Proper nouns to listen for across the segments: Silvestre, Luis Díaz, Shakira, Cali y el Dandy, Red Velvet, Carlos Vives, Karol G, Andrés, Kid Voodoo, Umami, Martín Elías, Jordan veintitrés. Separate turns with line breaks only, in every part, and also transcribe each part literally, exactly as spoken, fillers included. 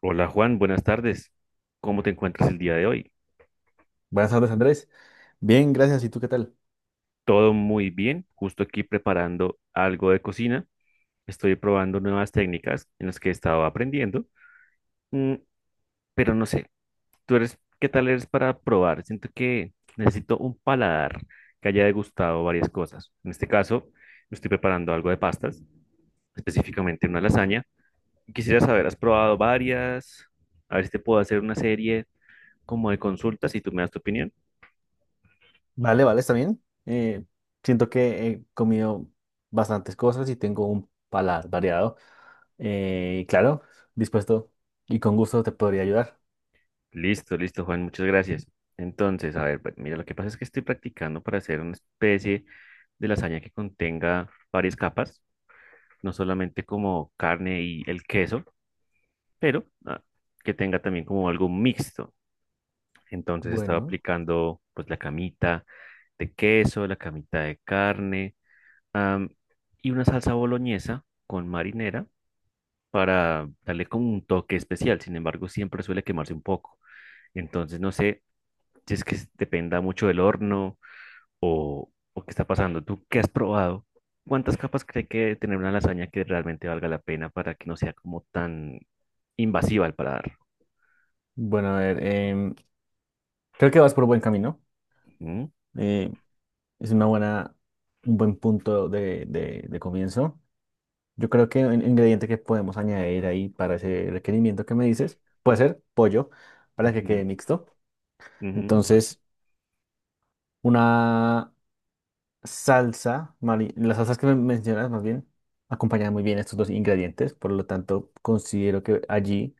Hola Juan, buenas tardes. ¿Cómo te encuentras el día de hoy?
Buenas tardes, Andrés. Bien, gracias. ¿Y tú qué tal?
Todo muy bien, justo aquí preparando algo de cocina. Estoy probando nuevas técnicas en las que he estado aprendiendo. Mm, pero no sé, ¿tú eres, qué tal eres para probar? Siento que necesito un paladar que haya degustado varias cosas. En este caso, estoy preparando algo de pastas, específicamente una lasaña. Quisiera saber, ¿has probado varias? A ver si te puedo hacer una serie como de consultas y tú me das tu opinión.
Vale, vale, está bien. Eh, siento que he comido bastantes cosas y tengo un paladar variado. Eh, y claro, dispuesto y con gusto te podría ayudar.
Listo, listo, Juan, muchas gracias. Entonces, a ver, pues, mira, lo que pasa es que estoy practicando para hacer una especie de lasaña que contenga varias capas, no solamente como carne y el queso, pero ah, que tenga también como algo mixto. Entonces, estaba
Bueno,
aplicando pues la camita de queso, la camita de carne, am, y una salsa boloñesa con marinera para darle como un toque especial. Sin embargo, siempre suele quemarse un poco. Entonces, no sé si es que dependa mucho del horno o, o qué está pasando. ¿Tú qué has probado? ¿Cuántas capas cree que debe tener una lasaña que realmente valga la pena para que no sea como tan invasiva al paladar?
bueno, a ver, em, creo que vas por buen camino.
¿Mm?
Eh, es una buena, un buen punto de, de- de comienzo. Yo creo que un ingrediente que podemos añadir ahí para ese requerimiento que me dices puede ser pollo para que
Ujú,
quede mixto.
ujú, bueno.
Entonces, una salsa, mari- las salsas que me mencionas más bien, acompañan muy bien estos dos ingredientes, por lo tanto considero que allí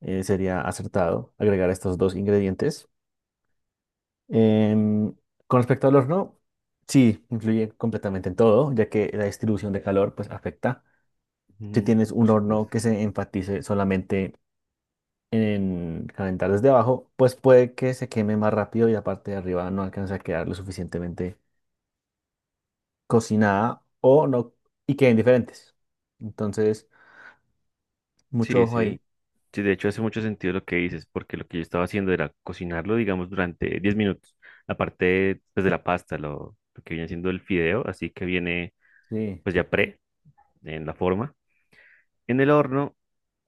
eh, sería acertado agregar estos dos ingredientes. Em, con respecto al horno, sí, influye completamente en todo, ya que la distribución de calor pues afecta. Si
Ujú,
tienes
por
un horno
supuesto.
que se enfatice solamente en calentar desde abajo, pues puede que se queme más rápido y la parte de arriba no alcance a quedar lo suficientemente cocinada o no y queden diferentes. Entonces, mucho
Sí,
ojo
sí.
ahí.
Sí, de hecho hace mucho sentido lo que dices, porque lo que yo estaba haciendo era cocinarlo, digamos, durante diez minutos. Aparte, pues, de la pasta, lo, lo que viene siendo el fideo, así que viene,
Sí,
pues, ya pre, en la forma. En el horno,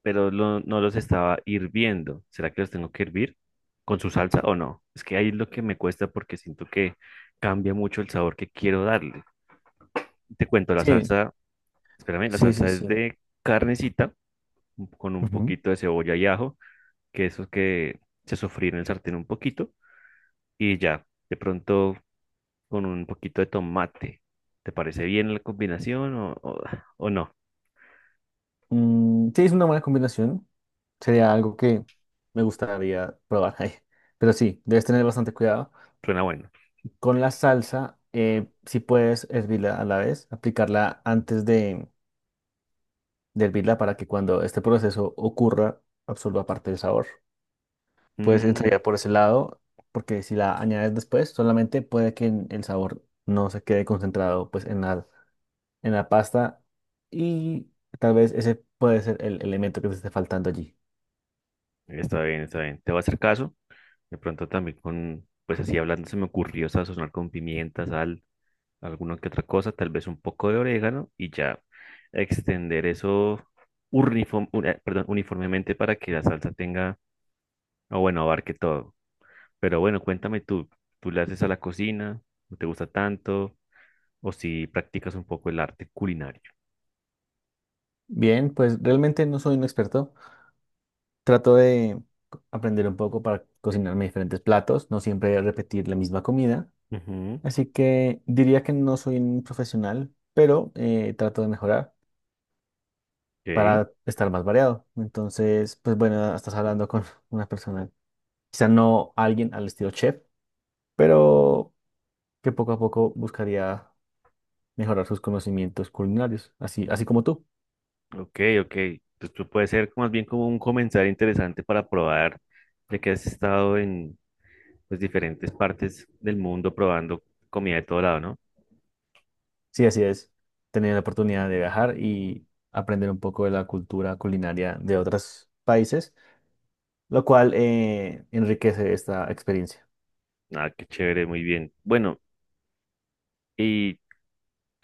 pero lo- no los estaba hirviendo. ¿Será que los tengo que hervir con su salsa o no? Es que ahí es lo que me cuesta porque siento que cambia mucho el sabor que quiero darle. Te cuento, la
sí,
salsa, espérame, la
sí, sí,
salsa es
sí.
de carnecita con un
Ujú.
poquito de cebolla y ajo, que esos que se sofríen en el sartén un poquito y ya, de pronto con un poquito de tomate. ¿Te parece bien la combinación o, o- o no?
Mm, sí, es una buena combinación. Sería algo que me gustaría probar ahí. Pero sí, debes tener bastante cuidado.
Suena bueno.
Con la salsa, eh, si puedes hervirla a la vez, aplicarla antes de, de hervirla para que cuando este proceso ocurra, absorba parte del sabor. Puedes
Mm.
ensayar por ese lado, porque si la añades después, solamente puede que en- el sabor no se quede concentrado pues en la, en la pasta y tal vez ese puede ser el elemento que te esté faltando allí.
Está bien, está bien. Te voy a hacer caso. De pronto también con, pues así hablando, se me ocurrió sazonar con pimienta, sal, alguna que otra cosa, tal vez un poco de orégano y ya extender eso uniform- un- eh, perdón, uniformemente para que la salsa tenga, o bueno, abarque todo. Pero bueno, cuéntame tú, ¿tú le haces a la cocina? ¿No te gusta tanto? ¿O si practicas un poco el arte culinario?
Bien, pues realmente no soy un experto. Trato de co- aprender un poco para cocinarme diferentes platos, no siempre repetir la misma comida.
Ujú.
Así que diría que no soy un profesional, pero eh, trato de mejorar
Ok.
para estar más variado. Entonces, pues bueno, estás hablando con una persona. Quizá no alguien al estilo chef, pero que poco a poco buscaría mejorar sus conocimientos culinarios, así, así como tú.
Ok, ok. Pues tú puede ser más bien como un comentario interesante para probar, ya que has estado en pues, diferentes partes del mundo probando comida de todo lado, ¿no?
Sí, así es. Tener la oportunidad de viajar y aprender un poco de la cultura culinaria de otros países, lo cual eh, enriquece esta experiencia.
Ah, qué chévere, muy bien. Bueno, y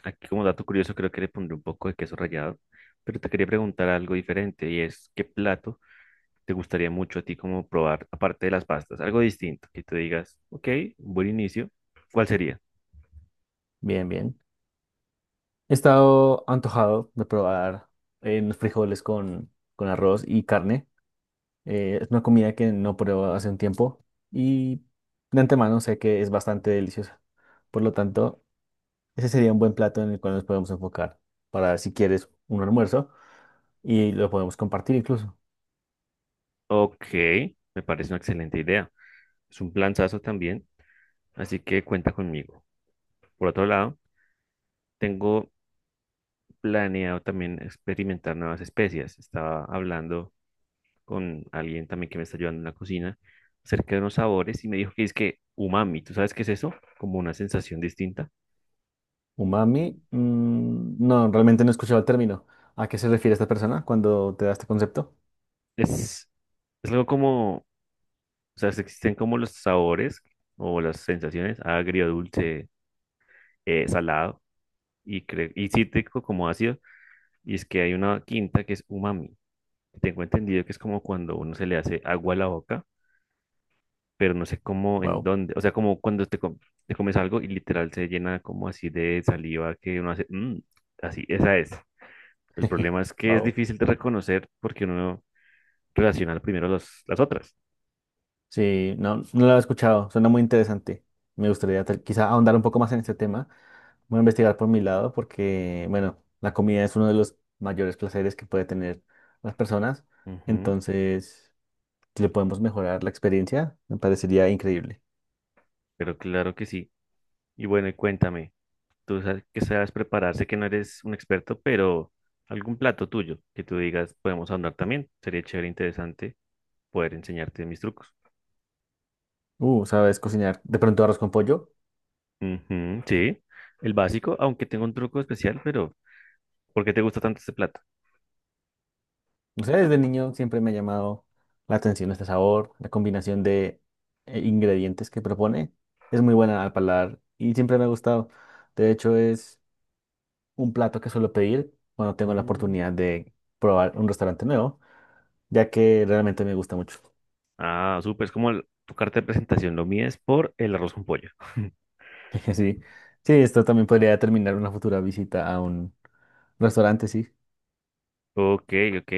aquí como dato curioso creo que le pondré un poco de queso rallado, pero te quería preguntar algo diferente y es, ¿qué plato te gustaría mucho a ti como probar, aparte de las pastas? Algo distinto, que tú digas, ok, buen inicio, ¿cuál sería?
Bien, bien. He estado antojado de probar eh, unos frijoles con, con arroz y carne. Eh, es una comida que no pruebo hace un tiempo y de antemano sé que es bastante deliciosa. Por lo tanto, ese sería un buen plato en el cual nos podemos enfocar para si quieres un almuerzo y lo podemos compartir incluso.
Ok, me parece una excelente idea. Es un planzazo también, así que cuenta conmigo. Por otro lado, tengo planeado también experimentar nuevas especies. Estaba hablando con alguien también que me está ayudando en la cocina acerca de unos sabores y me dijo que es que umami, ¿tú sabes qué es eso? Como una sensación distinta.
Umami, mm, no, realmente no he escuchado el término. ¿A qué se refiere esta persona cuando te da este concepto?
Es, es algo como, o sea, existen como los sabores o las sensaciones agrio, dulce, eh, salado y, cre- y cítrico como ácido. Y es que hay una quinta que es umami. Tengo entendido que es como cuando uno se le hace agua a la boca, pero no sé cómo, en
Wow.
dónde. O sea, como cuando te, com- te comes algo y literal se llena como así de saliva que uno hace, "Mm", así, esa es. El problema es que es difícil de reconocer porque uno relaciona primero los, las otras.
Sí, no, no lo he escuchado, suena muy interesante. Me gustaría tal- quizá ahondar un poco más en este tema. Voy a investigar por mi lado porque, bueno, la comida es uno de los mayores placeres que puede tener las personas.
Ujú,
Entonces, si le podemos mejorar la experiencia, me parecería increíble.
pero claro que sí. Y bueno, y cuéntame, tú sabes que sabes prepararse, que no eres un experto, pero algún plato tuyo que tú digas podemos andar también. Sería chévere, interesante poder enseñarte mis trucos.
Uh, ¿sabes cocinar de pronto arroz con pollo?
Ujú, sí, el básico, aunque tengo un truco especial, pero ¿por qué te gusta tanto este plato?
No sé, desde niño siempre me ha llamado la atención este sabor, la combinación de eh, ingredientes que propone. Es muy buena al paladar y siempre me ha gustado. De hecho, es un plato que suelo pedir cuando tengo la
Mm.
oportunidad de probar un restaurante nuevo, ya que realmente me gusta mucho.
Ah, súper, es como el- tu carta de presentación, lo mío es por el arroz con pollo.
Sí, sí, esto también podría determinar una futura visita a un restaurante, sí.
Ok, ok,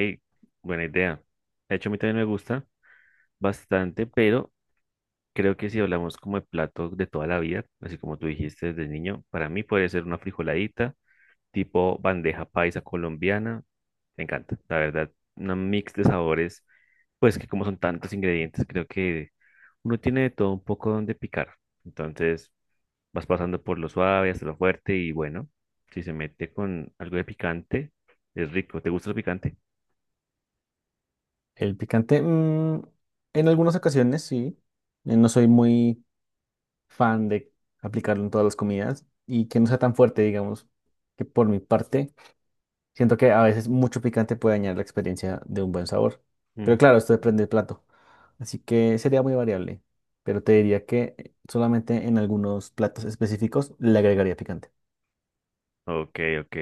buena idea. De hecho, a mí también me gusta bastante, pero creo que si hablamos como de platos de toda la vida, así como tú dijiste desde niño, para mí puede ser una frijoladita, tipo bandeja paisa colombiana. Me encanta, la verdad, una mix de sabores. Pues que como son tantos ingredientes, creo que uno tiene de todo un poco donde picar. Entonces vas pasando por lo suave hasta lo fuerte y bueno, si se mete con algo de picante, es rico. ¿Te gusta el picante?
El picante, mm, en algunas ocasiones sí. Eh, No soy muy fan de aplicarlo en todas las comidas y que no sea tan fuerte, digamos, que por mi parte. Siento que a veces mucho picante puede dañar la experiencia de un buen sabor. Pero
Mm.
claro, esto depende del plato. Así que sería muy variable. Pero te diría que eh, solamente en algunos platos específicos le agregaría picante.
Ok, ok.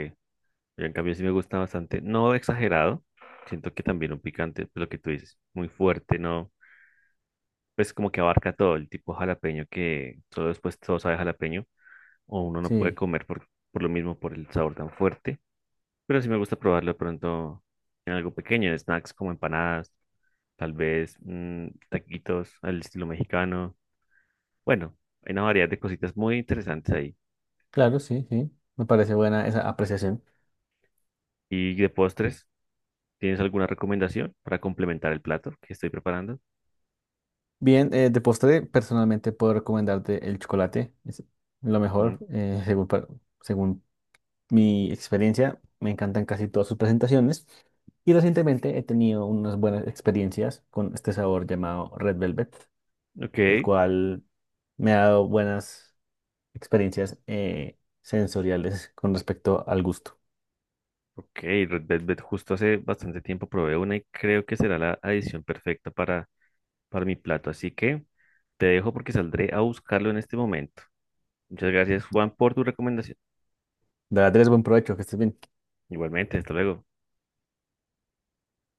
Yo en cambio sí me gusta bastante. No exagerado. Siento que también un picante, pues, lo que tú dices, muy fuerte, ¿no? Pues como que abarca todo el tipo jalapeño que solo después todo sabe jalapeño o uno no puede
Sí,
comer por, por lo mismo, por el sabor tan fuerte. Pero sí me gusta probarlo pronto en algo pequeño, snacks como empanadas, tal vez mm, taquitos al estilo mexicano. Bueno, hay una variedad de cositas muy interesantes ahí.
claro, sí, sí. Me parece buena esa apreciación.
Y de postres, ¿tienes alguna recomendación para complementar el plato que estoy preparando?
Bien, eh, de postre, personalmente puedo recomendarte el chocolate. Es lo
Mm,
mejor, eh, según, pa- según mi experiencia, me encantan casi todas sus presentaciones y recientemente he tenido unas buenas experiencias con este sabor llamado Red Velvet,
ok,
el cual me ha dado buenas experiencias eh, sensoriales con respecto al gusto.
ok, Red Velvet, justo hace bastante tiempo probé una y creo que será la adición perfecta para, para mi plato. Así que te dejo porque saldré a buscarlo en este momento. Muchas gracias, Juan, por tu recomendación.
De verdad, tienes buen provecho, que estés bien.
Igualmente, hasta luego.